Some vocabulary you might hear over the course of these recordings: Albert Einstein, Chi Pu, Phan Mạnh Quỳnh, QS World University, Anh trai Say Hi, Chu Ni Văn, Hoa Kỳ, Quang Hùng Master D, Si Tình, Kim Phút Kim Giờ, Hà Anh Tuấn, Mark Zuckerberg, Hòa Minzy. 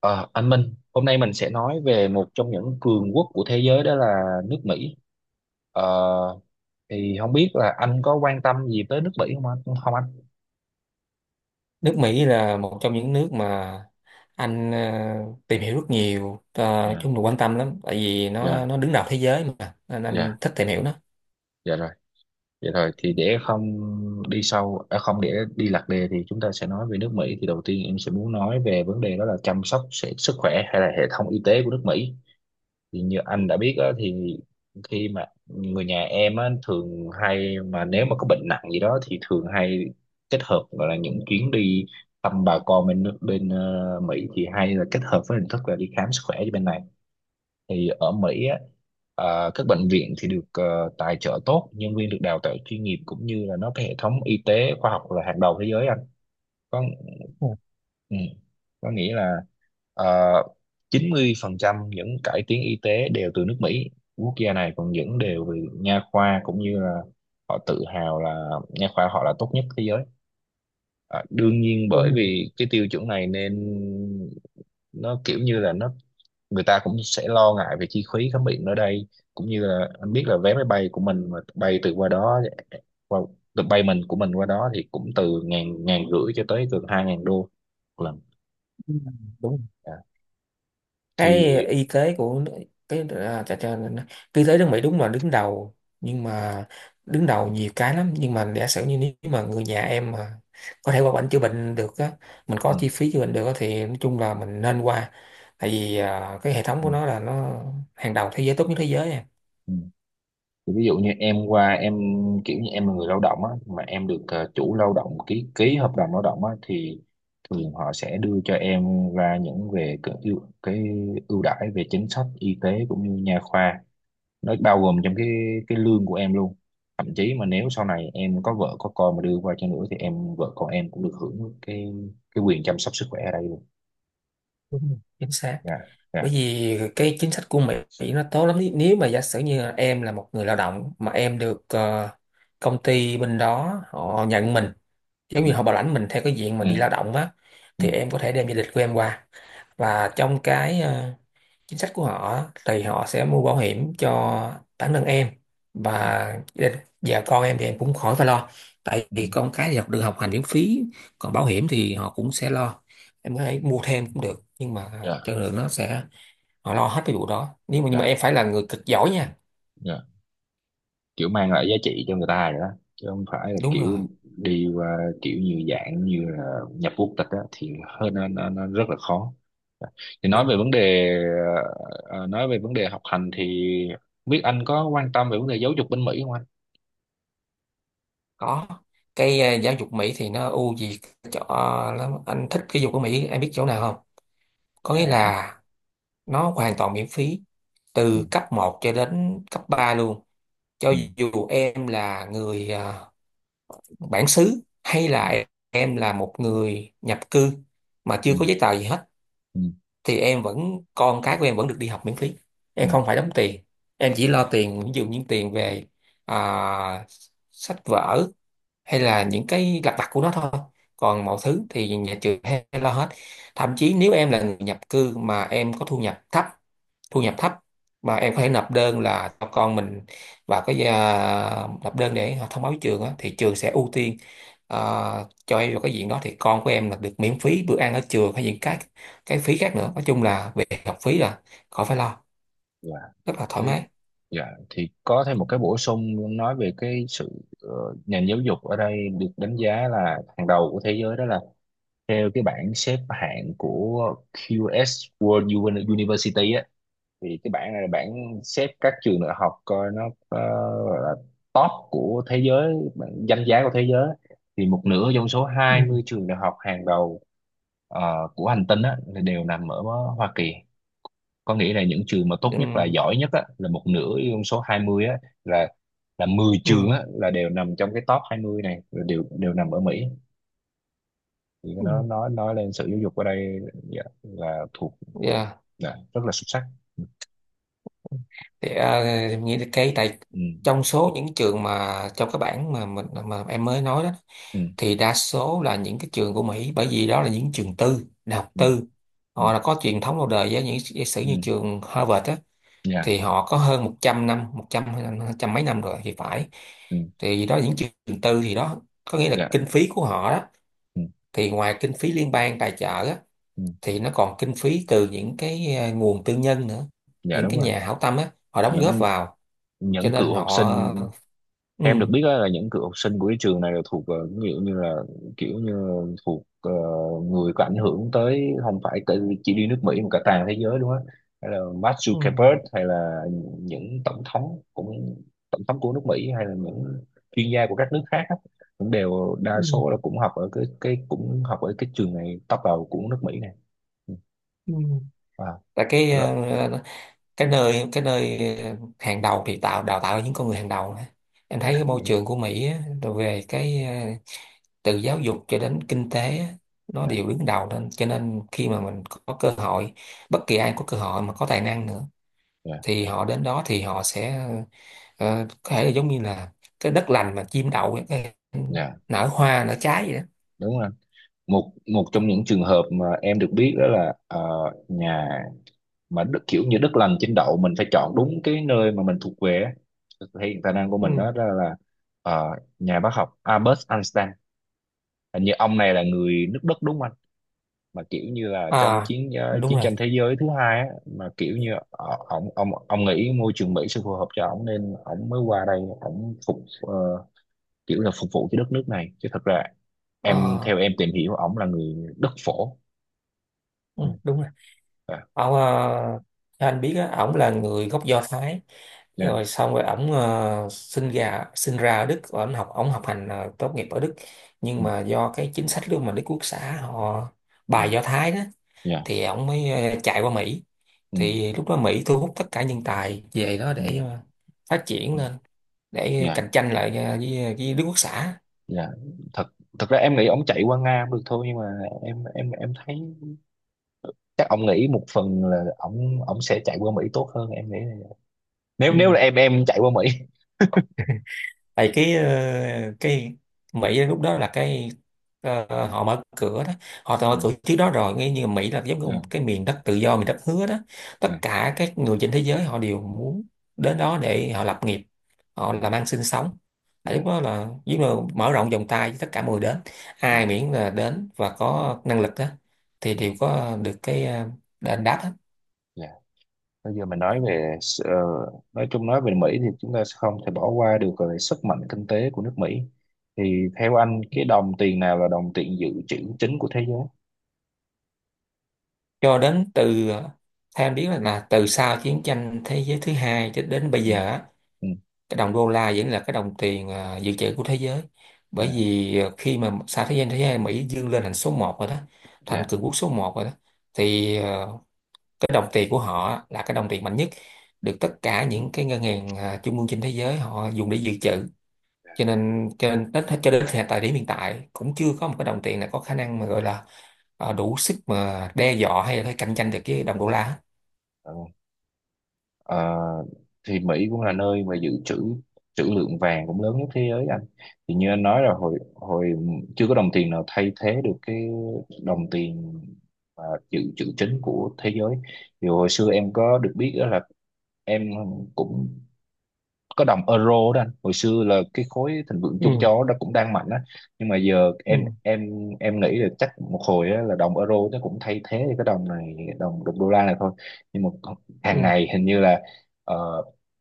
Ờ, anh Minh, hôm nay mình sẽ nói về một trong những cường quốc của thế giới, đó là nước Mỹ. Ờ, thì không biết là anh có quan tâm gì tới nước Mỹ không anh? Không anh? Nước Mỹ là một trong những nước mà anh tìm hiểu rất nhiều, Dạ, chung là quan tâm lắm, tại vì nó dạ, nó đứng đầu thế giới, mà nên anh dạ, thích tìm hiểu nó. dạ rồi. Dạ rồi, thì để không đi sâu, à, không, để đi lạc đề thì chúng ta sẽ nói về nước Mỹ. Thì đầu tiên em sẽ muốn nói về vấn đề đó là chăm sóc sức khỏe hay là hệ thống y tế của nước Mỹ. Thì như anh đã biết á, thì khi mà người nhà em á, thường hay mà nếu mà có bệnh nặng gì đó thì thường hay kết hợp gọi là những chuyến đi thăm bà con bên nước bên Mỹ, thì hay là kết hợp với hình thức là đi khám sức khỏe cho bên này. Thì ở Mỹ á, các bệnh viện thì được tài trợ tốt, nhân viên được đào tạo chuyên nghiệp, cũng như là nó cái hệ thống y tế khoa học là hàng đầu thế giới. Có Ừ, ừ, có nghĩa là uh, 90% những cải tiến y tế đều từ nước Mỹ. Quốc gia này còn những đều về nha khoa, cũng như là họ tự hào là nha khoa họ là tốt nhất thế giới. Ờ, đương nhiên đúng bởi rồi. vì cái tiêu chuẩn này nên nó kiểu như là nó người ta cũng sẽ lo ngại về chi phí khám bệnh ở đây, cũng như là anh biết là vé máy bay của mình mà bay từ qua đó, qua, từ bay mình của mình qua đó thì cũng từ ngàn, ngàn rưỡi cho tới gần hai ngàn đô một lần. Ừ, đúng rồi. Dạ. cái Thì y tế của nước- cái à, chà, chà, cái y tế nước Mỹ đúng là đứng đầu, nhưng mà đứng đầu nhiều cái lắm. Nhưng mà giả sử như nếu mà người nhà em mà có thể qua bệnh chữa bệnh được á, mình ừ, có chi phí chữa bệnh được á, thì nói chung là mình nên qua. Tại vì cái hệ thống ừ, của nó là nó hàng đầu thế giới, tốt nhất thế giới à. ừ. Thì ví dụ như em qua em kiểu như em là người lao động á, mà em được chủ lao động ký ký hợp đồng lao động á thì thường họ sẽ đưa cho em ra những về cái ưu đãi về chính sách y tế cũng như nha khoa, nó bao gồm trong cái lương của em luôn. Thậm chí mà nếu sau này em có vợ có con mà đưa qua cho nữa thì em vợ con em cũng được hưởng cái quyền chăm sóc sức khỏe ở đây luôn. Đúng rồi, chính xác, Dạ, dạ, bởi vì cái chính sách của Mỹ Mỹ nó tốt lắm. Nếu mà giả sử như là em là một người lao động mà em được, công ty bên đó họ nhận mình, giống như họ bảo lãnh mình theo cái diện mà đi lao ừ, động á, thì ừ, em có thể đem gia đình của em qua. Và trong cái, chính sách của họ thì họ sẽ mua bảo hiểm cho bản thân em, ừ, ừ, và con em thì em cũng khỏi phải lo, tại ừ. vì con cái thì học được học hành miễn phí. Còn bảo hiểm thì họ cũng sẽ lo, em có thể mua thêm cũng được, nhưng mà Dạ, chất lượng nó sẽ... Họ lo hết cái vụ đó. Nếu mà, nhưng mà dạ, em phải là người cực giỏi nha. dạ, kiểu mang lại giá trị cho người ta rồi đó, chứ không phải là Đúng kiểu rồi. đi qua kiểu như dạng như là nhập quốc tịch á thì hơi nó rất là khó. Thì nói Đúng về rồi. vấn đề ờ, nói về vấn đề học hành thì biết anh có quan tâm về vấn đề giáo dục bên Mỹ không anh? Có. Cái, giáo dục Mỹ thì nó ưu việt chỗ, lắm. Anh thích cái giáo dục của Mỹ, em biết chỗ nào không? Có nghĩa Dạ là nó hoàn toàn miễn phí từ không. cấp một cho đến cấp 3 luôn. Cho ừ, dù em là người, bản xứ, hay ừ, là em là một người nhập cư mà chưa ừ, có giấy tờ gì hết, ừ, thì em vẫn, con cái của em vẫn được đi học miễn phí, ừ. em không phải đóng tiền. Em chỉ lo tiền, ví dụ những tiền về, à, sách vở hay là những cái lặt vặt của nó thôi, còn mọi thứ thì nhà trường hay lo hết. Thậm chí nếu em là người nhập cư mà em có thu nhập thấp, thu nhập thấp, mà em có thể nộp đơn là cho con mình vào cái, nộp đơn để họ thông báo với trường á, thì trường sẽ ưu tiên, à, cho em vào cái diện đó, thì con của em là được miễn phí bữa ăn ở trường hay những cái phí khác nữa. Nói chung là về học phí là khỏi phải lo, Dạ, rất là thế, thoải mái. dạ. Thì có thêm một cái bổ sung nói về cái sự ờ, nền giáo dục ở đây được đánh giá là hàng đầu của thế giới, đó là theo cái bảng xếp hạng của QS University á, thì cái bảng này là bảng xếp các trường đại học coi nó ờ, gọi là top của thế giới, bảng danh giá của thế giới. Thì một nửa trong số Ừ. 20 trường đại học hàng đầu ờ, của hành tinh á thì đều nằm ở Hoa Kỳ. Có nghĩa là những trường mà tốt Ừ, nhất là giỏi nhất á, là một nửa trong số 20 á, là là 10 trường ừm, á, là đều nằm trong cái top 20 này, là đều đều nằm ở Mỹ. Thì ừ. nó nói lên sự giáo dục ở đây. Dạ, là thuộc Dạ. dạ, rất là xuất sắc. Thì nghĩ là cái tại, Ừ, trong số những trường mà trong các bảng mà mình mà em mới nói đó, ừ, thì đa số là những cái trường của Mỹ, bởi vì đó là những trường tư, đại học ừ, tư, ừ, họ đã có truyền thống lâu đời, với những giả sử ừ, như ừ, trường Harvard á, dạ, thì họ có hơn 100 năm, 100 hay là trăm mấy năm rồi thì phải. ừ, Thì đó là những trường tư, thì đó có nghĩa là dạ, kinh phí của họ đó, ừ, thì ngoài kinh phí liên bang tài trợ á, ừ, thì nó còn kinh phí từ những cái, nguồn tư nhân nữa. dạ Những đúng cái rồi. nhà hảo tâm á, họ đóng góp những vào, cho những cựu nên học họ... sinh. Em được Ừ. biết á, là những cựu học sinh của cái trường này là thuộc kiểu như là kiểu như thuộc người có ảnh hưởng tới, không phải tới chỉ đi nước Mỹ mà cả toàn thế giới luôn á, hay là Mark Ừ. Zuckerberg, hay là những tổng thống cũng tổng thống của nước Mỹ, hay là những chuyên gia của các nước khác á, cũng đều đa Ừ. số là cũng học ở cái cũng học ở cái trường này top đầu của nước Mỹ này. Ừ. Ừ. Wow. Tại cái, Rồi. Cái nơi, hàng đầu thì tạo, đào tạo những con người hàng đầu á. Em Dạ thấy cái đúng môi rồi. trường của Mỹ á, rồi về cái, từ giáo dục cho đến kinh tế á, nó Dạ, đều đứng đầu, nên cho nên khi mà mình có cơ hội, bất kỳ ai có cơ hội mà có tài năng nữa, dạ, thì họ đến đó thì họ sẽ, có thể là giống như là cái đất lành mà chim đậu ấy, cái dạ nở hoa nở trái vậy đó. đúng rồi, một một trong những trường hợp mà em được biết đó là nhà mà đức kiểu như đất lành trên đậu, mình phải chọn đúng cái nơi mà mình thuộc về á, hiện tài năng của Ừ. mình, đó là ờ, nhà bác học Albert Einstein. Hình như ông này là người nước Đức đúng không anh? Mà kiểu như là À, đúng chiến rồi. tranh thế giới thứ hai á, mà kiểu như ông nghĩ môi trường Mỹ sẽ phù hợp cho ông nên ông mới qua đây ông phục kiểu là phục vụ cho đất nước này, chứ thật ra em Ờ. theo em tìm hiểu ông là người đất phổ. Ừ, Ừ. đúng rồi. Dạ, Ông, theo anh biết á, ổng là người gốc Do Thái. dạ, Rồi xong rồi ổng, sinh ra ở Đức, và ổng học hành, tốt nghiệp ở Đức. Nhưng ừ. mà do cái chính sách luôn mà Đức Quốc xã họ Dạ, bài Do Thái đó, dạ, thì ổng mới, chạy qua Mỹ. ừ. Thì lúc đó Mỹ thu hút tất cả nhân tài về đó Ừ. để, phát triển Ừ. lên, để Dạ, cạnh tranh lại, với Đức Quốc xã. dạ, thật thật ra em nghĩ ông chạy qua Nga cũng được thôi, nhưng mà em thấy chắc ông nghĩ một phần là ông sẽ chạy qua Mỹ tốt hơn em nghĩ là- vậy. Nếu nếu Ừ. là em chạy qua Mỹ. Tại cái, cái Mỹ lúc đó là cái, họ mở cửa đó. Họ đã mở Ừ, cửa trước đó rồi, nghe như Mỹ là giống như dạ, một cái miền đất tự do, miền đất hứa đó. Tất dạ, cả các người trên thế giới họ đều muốn đến đó để họ lập nghiệp, họ dạ, làm ăn sinh sống. Tại lúc dạ, đó là giống như mở rộng vòng tay với tất cả mọi người đến, ai dạ, miễn là đến và có năng lực đó thì dạ, đều có được cái, đền đáp hết. dạ. Bây giờ mình nói về nói chung nói về Mỹ thì chúng ta sẽ không thể bỏ qua được về sức mạnh kinh tế của nước Mỹ. Thì theo anh cái đồng tiền nào là đồng tiền dự trữ chính của thế giới? Cho đến từ, theo em biết là, từ sau chiến tranh thế giới thứ hai cho đến bây Ừ, giờ á, ừ, cái đồng đô la vẫn là cái đồng tiền, dự trữ của thế giới. Bởi dạ, vì khi mà sau thế giới Mỹ vươn lên thành số một rồi đó, thành dạ, cường quốc số một rồi đó, thì cái đồng tiền của họ là cái đồng tiền mạnh nhất, được tất cả những cái ngân hàng, trung ương trên thế giới họ dùng để dự trữ. Cho nên đến, cho đến hiện tại, điểm hiện tại cũng chưa có một cái đồng tiền nào có khả năng mà gọi là, đủ sức mà đe dọa hay là phải cạnh tranh được với đồng đô la. ừ. Ờ, thì Mỹ cũng là nơi mà dự trữ trữ lượng vàng cũng lớn nhất thế giới anh. Thì như anh nói là hồi hồi chưa có đồng tiền nào thay thế được cái đồng tiền mà dự trữ chính của thế giới. Thì hồi xưa em có được biết đó là em cũng có đồng euro đó anh, hồi xưa là cái khối thịnh vượng chung Ừ, châu Âu đó cũng đang mạnh á, nhưng mà giờ em ừ, em em nghĩ là chắc một hồi á, là đồng euro nó cũng thay thế cái đồng này đồng đồng đô la này thôi. Nhưng mà ừ, hàng ngày hình như là ờ,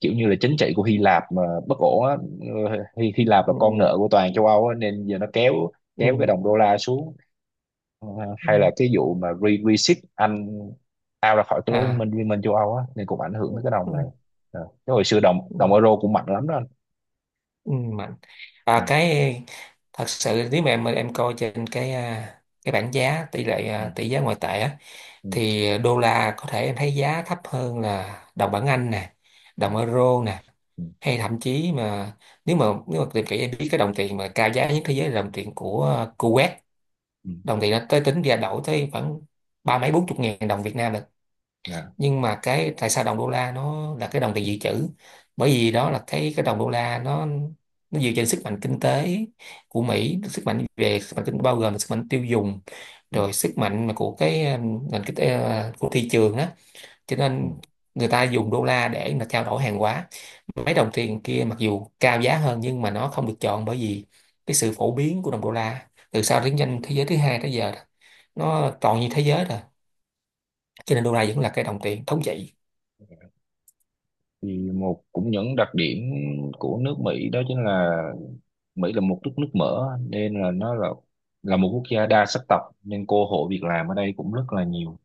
kiểu như là chính trị của Hy Lạp mà bất ổn á. Ờ, Hy Lạp là con ừ, nợ của toàn châu Âu á, nên giờ nó kéo kéo cái ừ, đồng đô la xuống. Ờ, ừ. hay là cái vụ mà reship Anh out ra khỏi cái lối À. Liên minh châu Âu á, nên cũng ảnh hưởng đến cái Ừ. đồng này. Ờ, chứ hồi xưa đồng Ừ. đồng euro cũng mạnh lắm đó anh. Ừ, mạnh, Ừ, cái... Thật sự nếu mà em coi trên cái, cái bảng giá tỷ lệ, ừ, tỷ giá ngoại tệ á, ừ, thì đô la có thể em thấy giá thấp hơn là đồng bảng Anh nè, đồng dạ, euro nè, ừ, hay thậm chí mà nếu mà tìm kỹ, em biết cái đồng tiền mà cao giá nhất thế giới là đồng tiền của Kuwait. ừ, Đồng tiền nó tới, tính ra đổi tới khoảng ba mấy bốn chục ngàn đồng Việt Nam là... dạ, Nhưng mà cái tại sao đồng đô la nó là cái đồng tiền dự trữ, bởi vì đó là cái đồng đô la nó, dựa trên sức mạnh kinh tế của Mỹ, sức mạnh về sức mạnh kinh, bao gồm là sức mạnh tiêu dùng, ừ, rồi sức mạnh mà của cái, nền kinh tế, của thị trường đó. Cho ừ. nên người ta dùng đô la để mà trao đổi hàng hóa. Mấy đồng tiền kia mặc dù cao giá hơn nhưng mà nó không được chọn, bởi vì cái sự phổ biến của đồng đô la từ sau chiến tranh thế giới thứ hai tới giờ đó, nó toàn như thế giới rồi, cho nên đô la vẫn là cái đồng tiền thống trị. Thì một cũng những đặc điểm của nước Mỹ đó chính là Mỹ là một nước nước mở nên là nó là một quốc gia đa sắc tộc, nên cơ hội việc làm ở đây cũng rất là nhiều.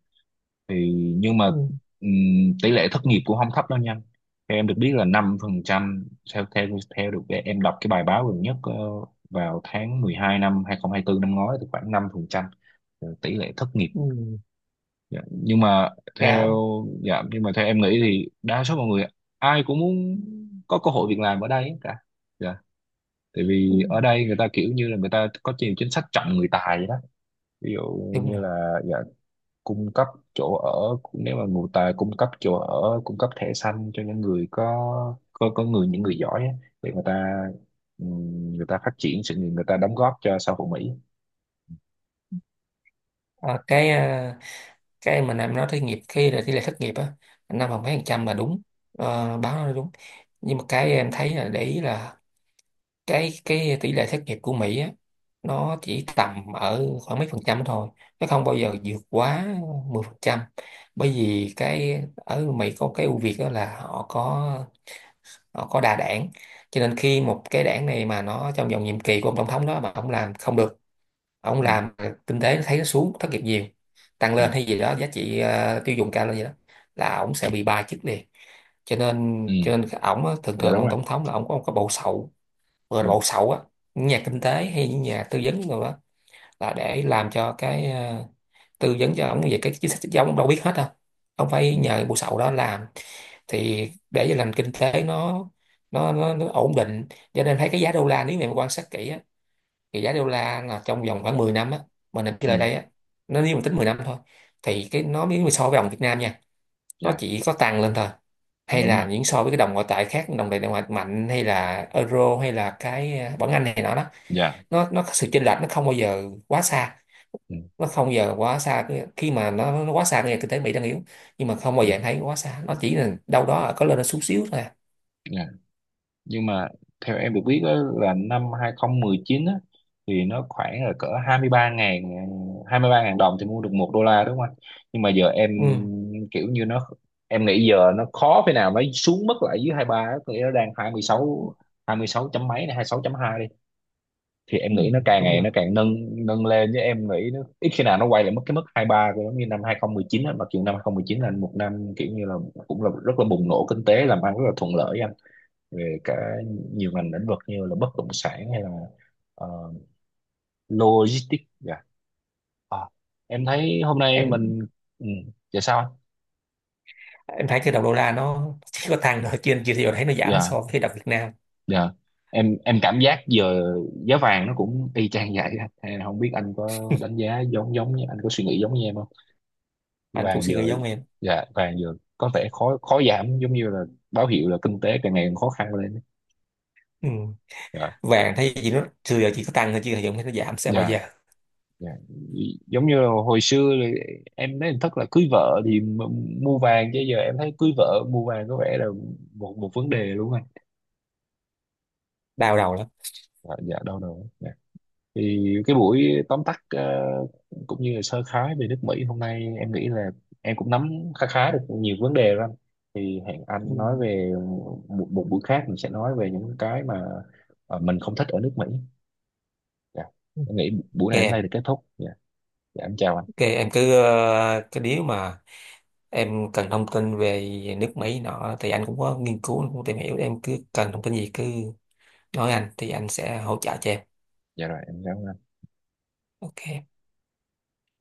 Thì nhưng mà Ừ. ừm, tỷ lệ thất nghiệp cũng không thấp đâu nha. Theo em được biết là 5%, theo theo theo được cái- em đọc cái bài báo gần nhất vào tháng 12 năm 2024 năm ngoái thì khoảng 5% tỷ lệ thất nghiệp. Ừ, Dạ. Nhưng mà theo cao. dạ nhưng mà theo em nghĩ thì đa số mọi người ai cũng muốn có cơ hội việc làm ở đây hết cả. Dạ, tại Ừ. vì ở đây người ta kiểu như là người ta có nhiều chính sách trọng người tài vậy đó. Ví dụ Đúng như rồi. là dạ, cung cấp chỗ ở, nếu mà người ta cung cấp chỗ ở cung cấp thẻ xanh cho những người có có người những người giỏi á, để người ta phát triển sự nghiệp, người ta đóng góp cho xã hội Mỹ. Ờ, cái, cái mà Nam nói thất nghiệp, khi là tỷ lệ thất nghiệp á, năm không mấy phần trăm là đúng. Ờ, báo nói đúng. Nhưng mà cái em thấy là, để ý là cái tỷ lệ thất nghiệp của Mỹ á, nó chỉ tầm ở khoảng mấy phần trăm thôi, nó không bao giờ vượt quá 10 phần trăm. Bởi vì cái ở Mỹ có cái ưu việt đó là, họ có đa đảng. Cho nên khi một cái đảng này mà nó trong vòng nhiệm kỳ của ông tổng thống đó, mà ông làm không được, ông Ừ. làm kinh tế thấy nó xuống, thất nghiệp nhiều, tăng Ừ. lên hay gì đó, giá trị, tiêu dùng cao lên gì đó, là ổng sẽ bị bài chức liền. cho nên Ừ. cho nên cái ổng á, thường Dạ thường đúng ông rồi. tổng thống là ổng có một cái bộ sậu, gọi Ừ. là bộ sậu á, những nhà kinh tế hay những nhà tư vấn rồi đó, là để làm cho cái, tư vấn cho ổng về cái chính sách, chứ ổng đâu biết hết đâu, ông phải Ừ. nhờ bộ sậu đó làm. Thì để cho nền kinh tế nó ổn định. Cho nên thấy cái giá đô la, nếu mà quan sát kỹ á, thì giá đô la là trong vòng khoảng 10 năm á, mình nằm cái Ừ. lời đây á. Nó, nếu mình tính 10 năm thôi, thì cái nó, nếu mà so với đồng Việt Nam nha, nó Dạ chỉ có tăng lên thôi, hay đúng là rồi. những so với cái đồng ngoại tệ khác, đồng tiền ngoại mạnh hay là euro hay là cái, bảng Anh này nọ đó, Dạ. nó có sự chênh lệch, nó không bao giờ quá xa. Ừ. Nó không bao giờ quá xa cái- khi mà nó quá xa, cái kinh tế Mỹ đang yếu, nhưng mà không bao Ừ. giờ em thấy quá xa, nó chỉ là đâu đó có lên nó xuống xíu thôi à. Dạ nhưng mà theo em được biết á, là năm 2019 á, thì nó khoảng là cỡ 23.000, đồng thì mua được một đô la đúng không anh? Nhưng mà giờ em Ừ. kiểu như nó em nghĩ giờ nó khó thế nào mới xuống mất lại dưới 23 á, có nghĩa nó đang 26 chấm mấy này, 26.2 đi. Thì em Ừ. nghĩ nó càng Đúng ngày rồi. nó càng nâng nâng lên, chứ em nghĩ nó ít khi nào nó quay lại mất cái mức 23 của giống như năm 2019 á, mặc dù năm 2019 là một năm kiểu như là cũng là rất là bùng nổ kinh tế, làm ăn rất là thuận lợi về cả nhiều ngành lĩnh vực như là bất động sản hay là ờ, logistics dạ. À, em thấy hôm nay mình em ừ, dạ sao anh? em thấy cái đồng đô la nó chỉ có tăng thôi trên, anh chưa thấy thấy nó giảm Dạ, so với đồng Việt Nam. dạ em cảm giác giờ giá vàng nó cũng y chang vậy á. Hay là không biết anh có đánh giá giống giống như anh có suy nghĩ giống như em không? Anh cũng Vàng suy giờ nghĩ giống em. dạ vàng giờ có vẻ khó khó giảm giống như là báo hiệu là kinh tế càng ngày càng khó khăn lên. Ừ. Dạ, Vàng thấy gì nó xưa giờ chỉ có tăng thôi, chứ hiện thấy nó giảm sẽ bao dạ, giờ. Dạ, giống như là hồi xưa là em nói hình thức là cưới vợ thì mua vàng, chứ giờ em thấy cưới vợ mua vàng có vẻ là một một vấn đề luôn anh. Đau đầu lắm. Dạ, dạ đâu đâu dạ. Thì cái buổi tóm tắt cũng như là sơ khái về nước Mỹ hôm nay em nghĩ là em cũng nắm khá khá được nhiều vấn đề rồi anh. Thì hẹn Ừ. anh nói về một buổi khác mình sẽ nói về những cái mà mình không thích ở nước Mỹ. Dạ. OK. Em nghĩ buổi này đến đây thì kết thúc, dạ, dạ em chào anh. OK, em cứ, cái nếu mà em cần thông tin về nước Mỹ nọ, thì anh cũng có nghiên cứu, cũng tìm hiểu, em cứ cần thông tin gì cứ nói anh, thì anh sẽ hỗ trợ cho em. Dạ rồi em chào anh. OK.